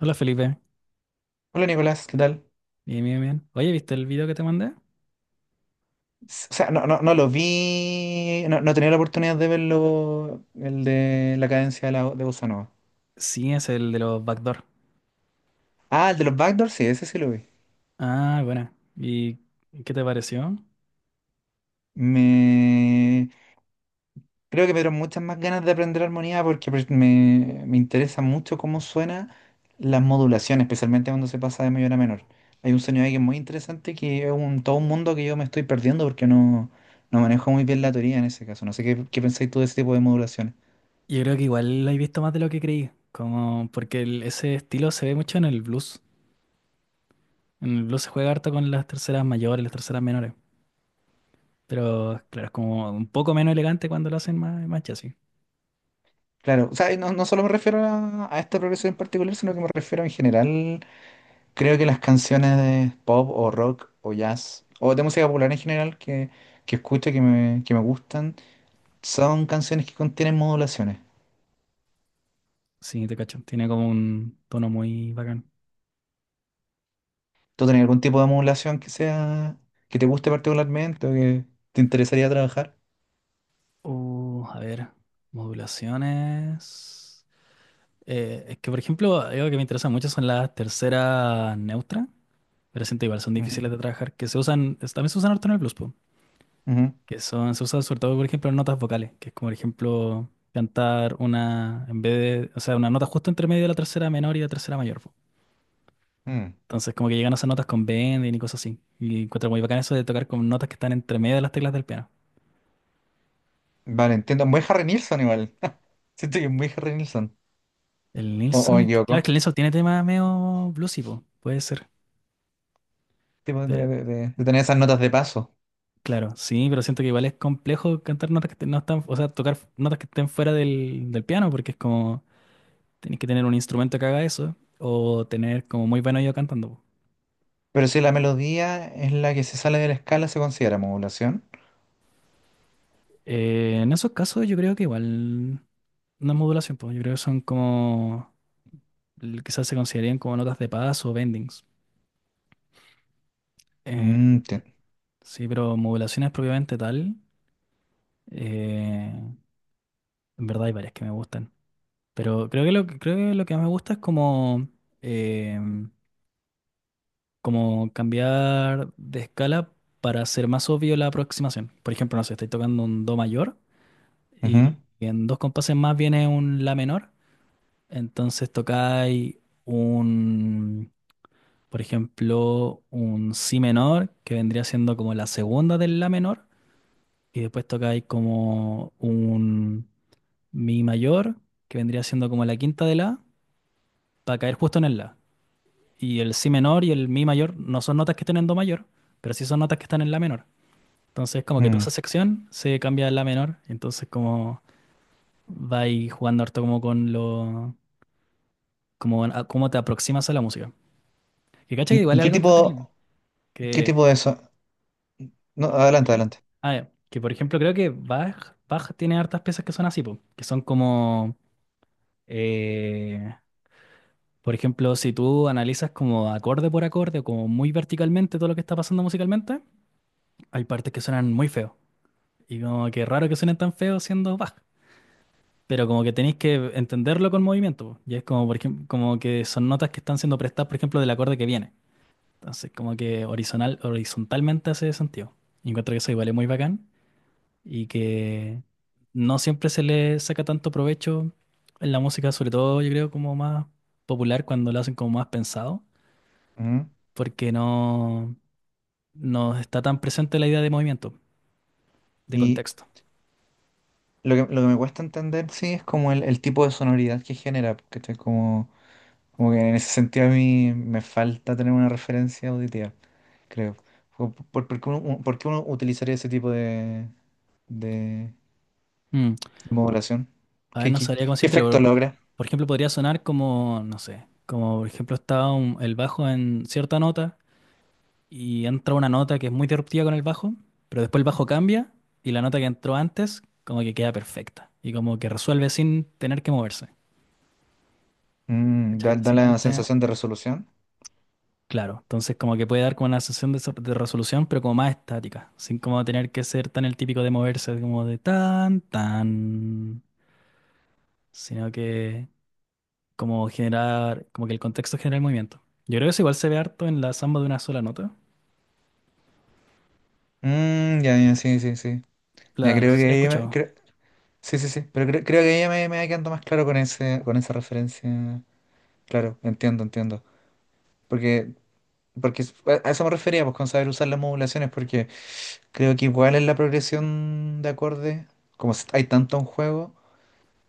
Hola Felipe, Hola Nicolás, ¿qué tal? bien, bien, bien. Oye, ¿viste el video que te mandé? No, no lo vi, no he tenido la oportunidad de verlo, el de la cadencia de, la, de Bossa Nova. Sí, es el de los backdoor. Ah, el de los backdoors, sí, ese sí lo vi. Ah, bueno. ¿Y qué te pareció? Me... Creo que me dieron muchas más ganas de aprender armonía porque pues, me interesa mucho cómo suena las modulaciones, especialmente cuando se pasa de mayor a menor. Hay un sonido ahí que es muy interesante, que es un, todo un mundo que yo me estoy perdiendo porque no manejo muy bien la teoría en ese caso. No sé qué, qué pensáis tú de ese tipo de modulaciones. Yo creo que igual lo he visto más de lo que creí, como porque ese estilo se ve mucho en el blues. En el blues se juega harto con las terceras mayores, las terceras menores, pero claro, es como un poco menos elegante cuando lo hacen más chasis. Claro, o sea, y no, no solo me refiero a esta progresión en particular, sino que me refiero en general. Creo que las canciones de pop o rock o jazz o de música popular en general que escucho, que me gustan, son canciones que contienen modulaciones. Sí, te cacho. Tiene como un tono muy bacán. ¿Tú tenés algún tipo de modulación que sea, que te guste particularmente o que te interesaría trabajar? A ver, modulaciones. Es que, por ejemplo, algo que me interesa mucho son las terceras neutras, pero siento igual son difíciles Ujú, de trabajar, que se usan, también se usan harto en el blues, po, ujú, que son, se usan sobre todo, por ejemplo, en notas vocales, que es como, por ejemplo, cantar una, en vez de, o sea, una nota justo entre medio de la tercera menor y la tercera mayor, po. mm. Entonces, como que llegan a esas notas con bending y cosas así. Y encuentro muy bacán eso de tocar con notas que están entre medio de las teclas del piano. Vale, entiendo. Muy Harry Nilsson igual. Siento que es muy Harry Nilsson. El O me Nilsson, equivoco. claro que el Nilsson tiene tema medio bluesy, po, puede ser. Tipo de, de tener esas notas de paso. Claro, sí, pero siento que igual es complejo cantar notas que no están, o sea, tocar notas que estén fuera del piano, porque es como, tenés que tener un instrumento que haga eso, o tener como muy buen oído cantando, po. Pero si la melodía es la que se sale de la escala, ¿se considera modulación? En esos casos yo creo que igual no es modulación, pues yo creo que son como, quizás se considerarían como notas de paz o bendings. Eh, Mm, te- sí, pero modulaciones propiamente tal, eh, en verdad hay varias que me gustan, pero creo que creo que lo que más me gusta es como... em, como cambiar de escala para hacer más obvio la aproximación. Por ejemplo, no sé, estoy tocando un do mayor ujú, y en dos compases más viene un la menor, entonces tocáis un, por ejemplo, un si menor, que vendría siendo como la segunda del la menor, y después tocáis como un mi mayor, que vendría siendo como la quinta de la, para caer justo en el la. Y el si menor y el mi mayor no son notas que estén en do mayor, pero sí son notas que están en la menor. Entonces, como que toda esa mm. sección se cambia a la menor. Entonces, como va ahí jugando harto como con lo... Como, cómo te aproximas a la música. Que cacha que igual Y es algo entretenido. Qué Que... tipo de eso? No, ¿Sí? adelante, adelante. Ah, ya. Que por ejemplo creo que Bach tiene hartas piezas que son así, po, que son como... eh, por ejemplo, si tú analizas como acorde por acorde o como muy verticalmente todo lo que está pasando musicalmente, hay partes que suenan muy feo. Y como que raro que suenen tan feos siendo Bach. Pero como que tenéis que entenderlo con movimiento, po. Y es como, por ejemplo, como que son notas que están siendo prestadas, por ejemplo, del acorde que viene. Entonces, como que horizontalmente hace sentido. Y encuentro que eso igual es muy bacán y que no siempre se le saca tanto provecho en la música, sobre todo yo creo como más popular cuando lo hacen como más pensado, Ujú. porque no está tan presente la idea de movimiento, de Y contexto. Lo que me cuesta entender, sí, es como el tipo de sonoridad que genera, porque estoy como, como que en ese sentido a mí me falta tener una referencia auditiva, creo. ¿Por qué uno, por qué uno utilizaría ese tipo de Mm. modulación? A ver, no sabría cómo ¿Qué decírtelo, efecto pero logra? por ejemplo podría sonar como, no sé, como por ejemplo está el bajo en cierta nota y entra una nota que es muy disruptiva con el bajo, pero después el bajo cambia y la nota que entró antes como que queda perfecta y como que resuelve sin tener que moverse. Mm, ¿Cachai? Da la Básicamente, sensación de resolución. claro. Entonces como que puede dar como una sensación de, de resolución, pero como más estática, sin como tener que ser tan el típico de moverse como de tan, sino que... como generar, como que el contexto genera el movimiento. Yo creo que eso igual se ve harto en la samba de una sola nota. Mm, ya, ya, sí, sí, sí. Ya La, no sé creo si que la he ahí me- escuchado. creo- Sí, sí, sí, pero creo que ahí me va quedando más claro con ese, con esa referencia. Claro, entiendo, entiendo. Porque, Porque a eso me refería, pues, con saber usar las modulaciones, porque creo que igual en la progresión de acordes, como hay tanto en juego,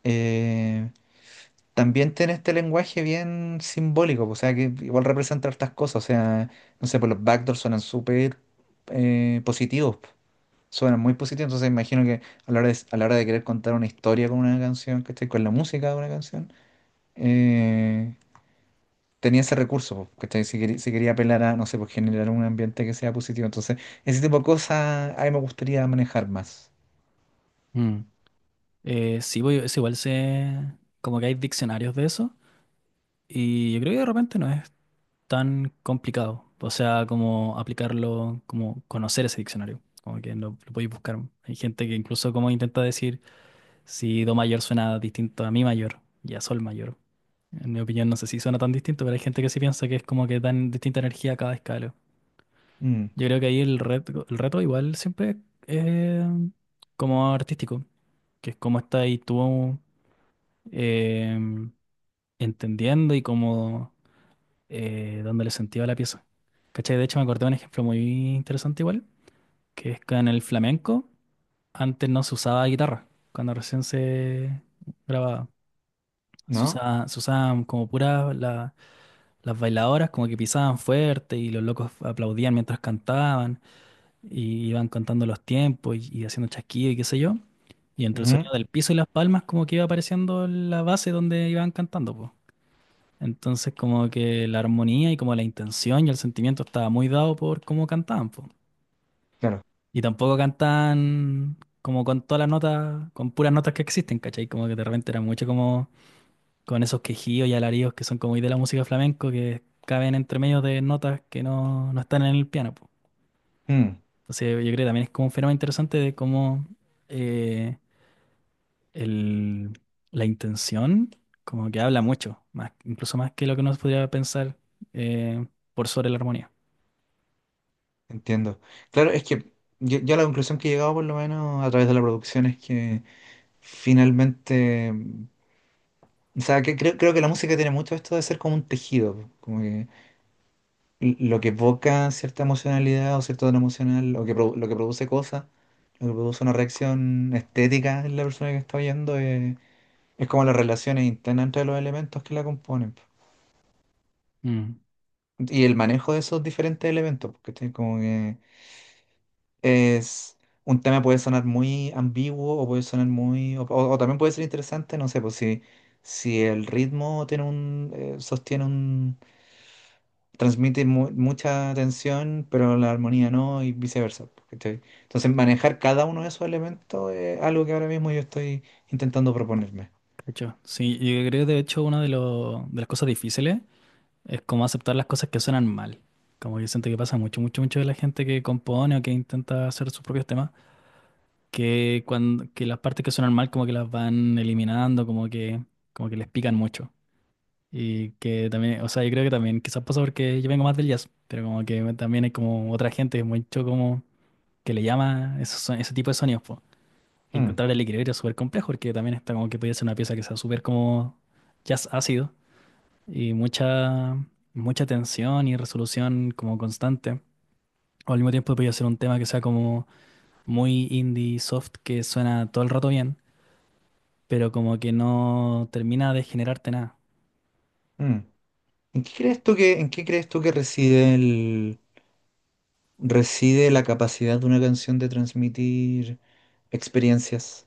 eh, también tiene este lenguaje bien simbólico, pues, o sea, que igual representa hartas cosas. O sea, no sé, pues los backdoors suenan súper positivos, suena muy positivos. Entonces imagino que a la hora de, a la hora de querer contar una historia con una canción, ¿cachai? Con la música de una canción, eh, tenía ese recurso, po, ¿cachai? Si quería, si quería apelar a, no sé, pues, generar un ambiente que sea positivo. Entonces, ese tipo de cosas a mí me gustaría manejar más. Mm. Sí, es igual se, como que hay diccionarios de eso y yo creo que de repente no es tan complicado. O sea, como aplicarlo, como conocer ese diccionario, como que lo podéis buscar. Hay gente que incluso como intenta decir si do mayor suena distinto a mi mayor y a sol mayor. En mi opinión, no sé si suena tan distinto, pero hay gente que sí piensa que es como que dan distinta energía a cada escala. Mm, Yo creo que ahí el reto igual siempre es eh, como artístico, que es cómo estás ahí tú em, entendiendo y como dándole sentido a la pieza. ¿Cachai? De hecho me acordé de un ejemplo muy interesante igual, que es que en el flamenco antes no se usaba guitarra, cuando recién se grababa. ¿No? Se usaban como puras las bailadoras, como que pisaban fuerte y los locos aplaudían mientras cantaban, y iban contando los tiempos y haciendo chasquido y qué sé yo. Y entre el Ujú, sonido del piso y las palmas como que iba apareciendo la base donde iban cantando, pues. Entonces como que la armonía y como la intención y el sentimiento estaba muy dado por cómo cantaban, pues. claro. Y tampoco cantaban como con todas las notas, con puras notas que existen, ¿cachai? Como que de repente era mucho como con esos quejidos y alaridos que son como muy de la música flamenco que caben entre medio de notas que no están en el piano. Mm, Entonces, yo creo que también es como un fenómeno interesante de cómo eh, el- la intención como que habla mucho, más, incluso más que lo que uno podría pensar, eh, por sobre la armonía. entiendo. Claro, es que yo, a la conclusión que he llegado, por lo menos a través de la producción, es que finalmente... mm, o sea, que creo que la música tiene mucho esto de ser como un tejido, como que lo que evoca cierta emocionalidad o cierto tono emocional, o que lo que produce cosas, lo que produce una reacción estética en la persona que está oyendo, es como las relaciones internas entre los elementos que la componen, po. Mm, Y el manejo de esos diferentes elementos, porque como que es un tema puede sonar muy ambiguo o puede sonar muy, o también puede ser interesante, no sé, pues si, si el ritmo tiene un, sostiene, transmite mucha tensión, pero la armonía no, y viceversa, po, ¿cachai? Entonces, manejar cada uno de esos elementos es algo que ahora mismo yo estoy intentando proponerme. de hecho sí, yo creo que de hecho una de, de las cosas difíciles es como aceptar las cosas que suenan mal. Como que siento que pasa mucho de la gente que compone o que intenta hacer sus propios temas, que las partes que suenan mal como que las van eliminando, como que les pican mucho. Y que también, o sea, yo creo que también quizás pasa porque yo vengo más del jazz, pero como que también hay como otra gente mucho como que le llama esos, ese tipo de sonidos, po. Y Mm, encontrar el equilibrio es súper complejo porque también está como que podría ser una pieza que sea súper como jazz ácido y mucha tensión y resolución como constante. O al mismo tiempo podría ser un tema que sea como muy indie soft que suena todo el rato bien, pero como que no termina de generarte nada. mm. ¿En qué crees tú que, en qué crees tú que reside el, reside la capacidad de una canción de transmitir experiencias?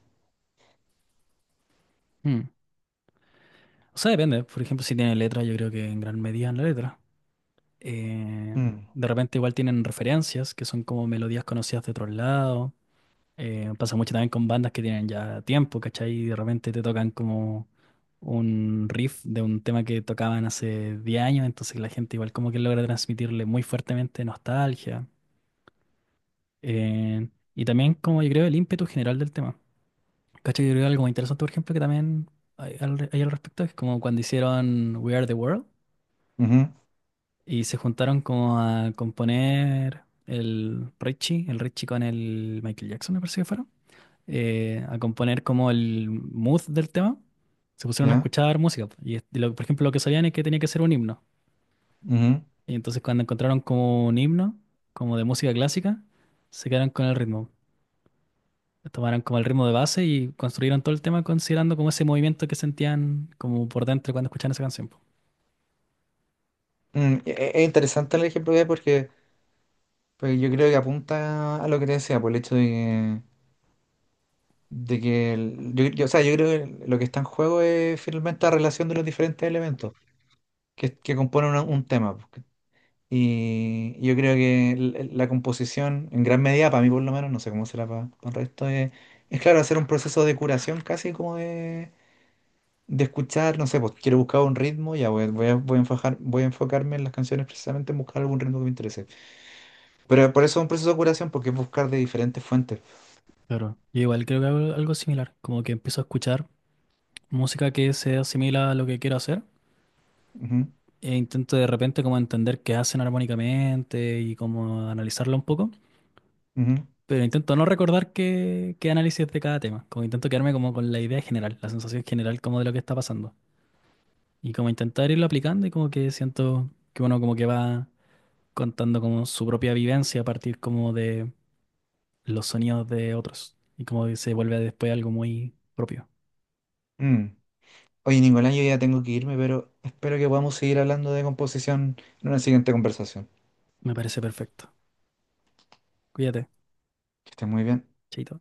O sea, depende. Por ejemplo, si tiene letra, yo creo que en gran medida en la letra. Eh, Mm, de repente igual tienen referencias, que son como melodías conocidas de otros lados. Pasa mucho también con bandas que tienen ya tiempo, ¿cachai? Y de repente te tocan como un riff de un tema que tocaban hace 10 años, entonces la gente igual como que logra transmitirle muy fuertemente nostalgia. Eh, y también como yo creo el ímpetu general del tema. ¿Cachai? Yo creo algo muy interesante, por ejemplo, que también hay al respecto, es como cuando hicieron We Are the World. ujú, Y se juntaron como a componer el Richie con el Michael Jackson, me parece que fueron, a componer como el mood del tema. Se pusieron a ¿ya? escuchar música. Y, por ejemplo, lo que sabían es que tenía que ser un himno. Ujú. Y entonces cuando encontraron como un himno, como de música clásica, se quedaron con el ritmo. Tomaron como el ritmo de base y construyeron todo el tema considerando como ese movimiento que sentían como por dentro cuando escuchaban esa canción, po. Mm, es interesante el ejemplo que hay porque, porque yo creo que apunta a lo que te decía, por el hecho de que yo, o sea, yo creo que lo que está en juego es finalmente la relación de los diferentes elementos que componen un tema, pues. Y yo creo que la composición, en gran medida, para mí por lo menos, no sé cómo será para el resto, es claro, hacer un proceso de curación casi como de escuchar, no sé, pues, quiero buscar un ritmo, ya voy, voy a, voy a enfocarme en las canciones precisamente en buscar algún ritmo que me interese. Pero por eso es un proceso de curación, porque es buscar de diferentes fuentes. Claro. Yo igual creo que hago algo similar, como que empiezo a escuchar música que se asimila a lo que quiero hacer Ujú, e intento de repente como entender qué hacen armónicamente y como analizarlo un poco, ujú, pero intento no recordar qué análisis de cada tema, como intento quedarme como con la idea general, la sensación general como de lo que está pasando y como intentar irlo aplicando y como que siento que uno como que va contando como su propia vivencia a partir como de los sonidos de otros y como que se vuelve después algo muy propio. mm. Oye, Nicolás, yo ya tengo que irme, pero espero que podamos seguir hablando de composición en una siguiente conversación. Me parece perfecto. Cuídate, Que estés muy bien. chaito.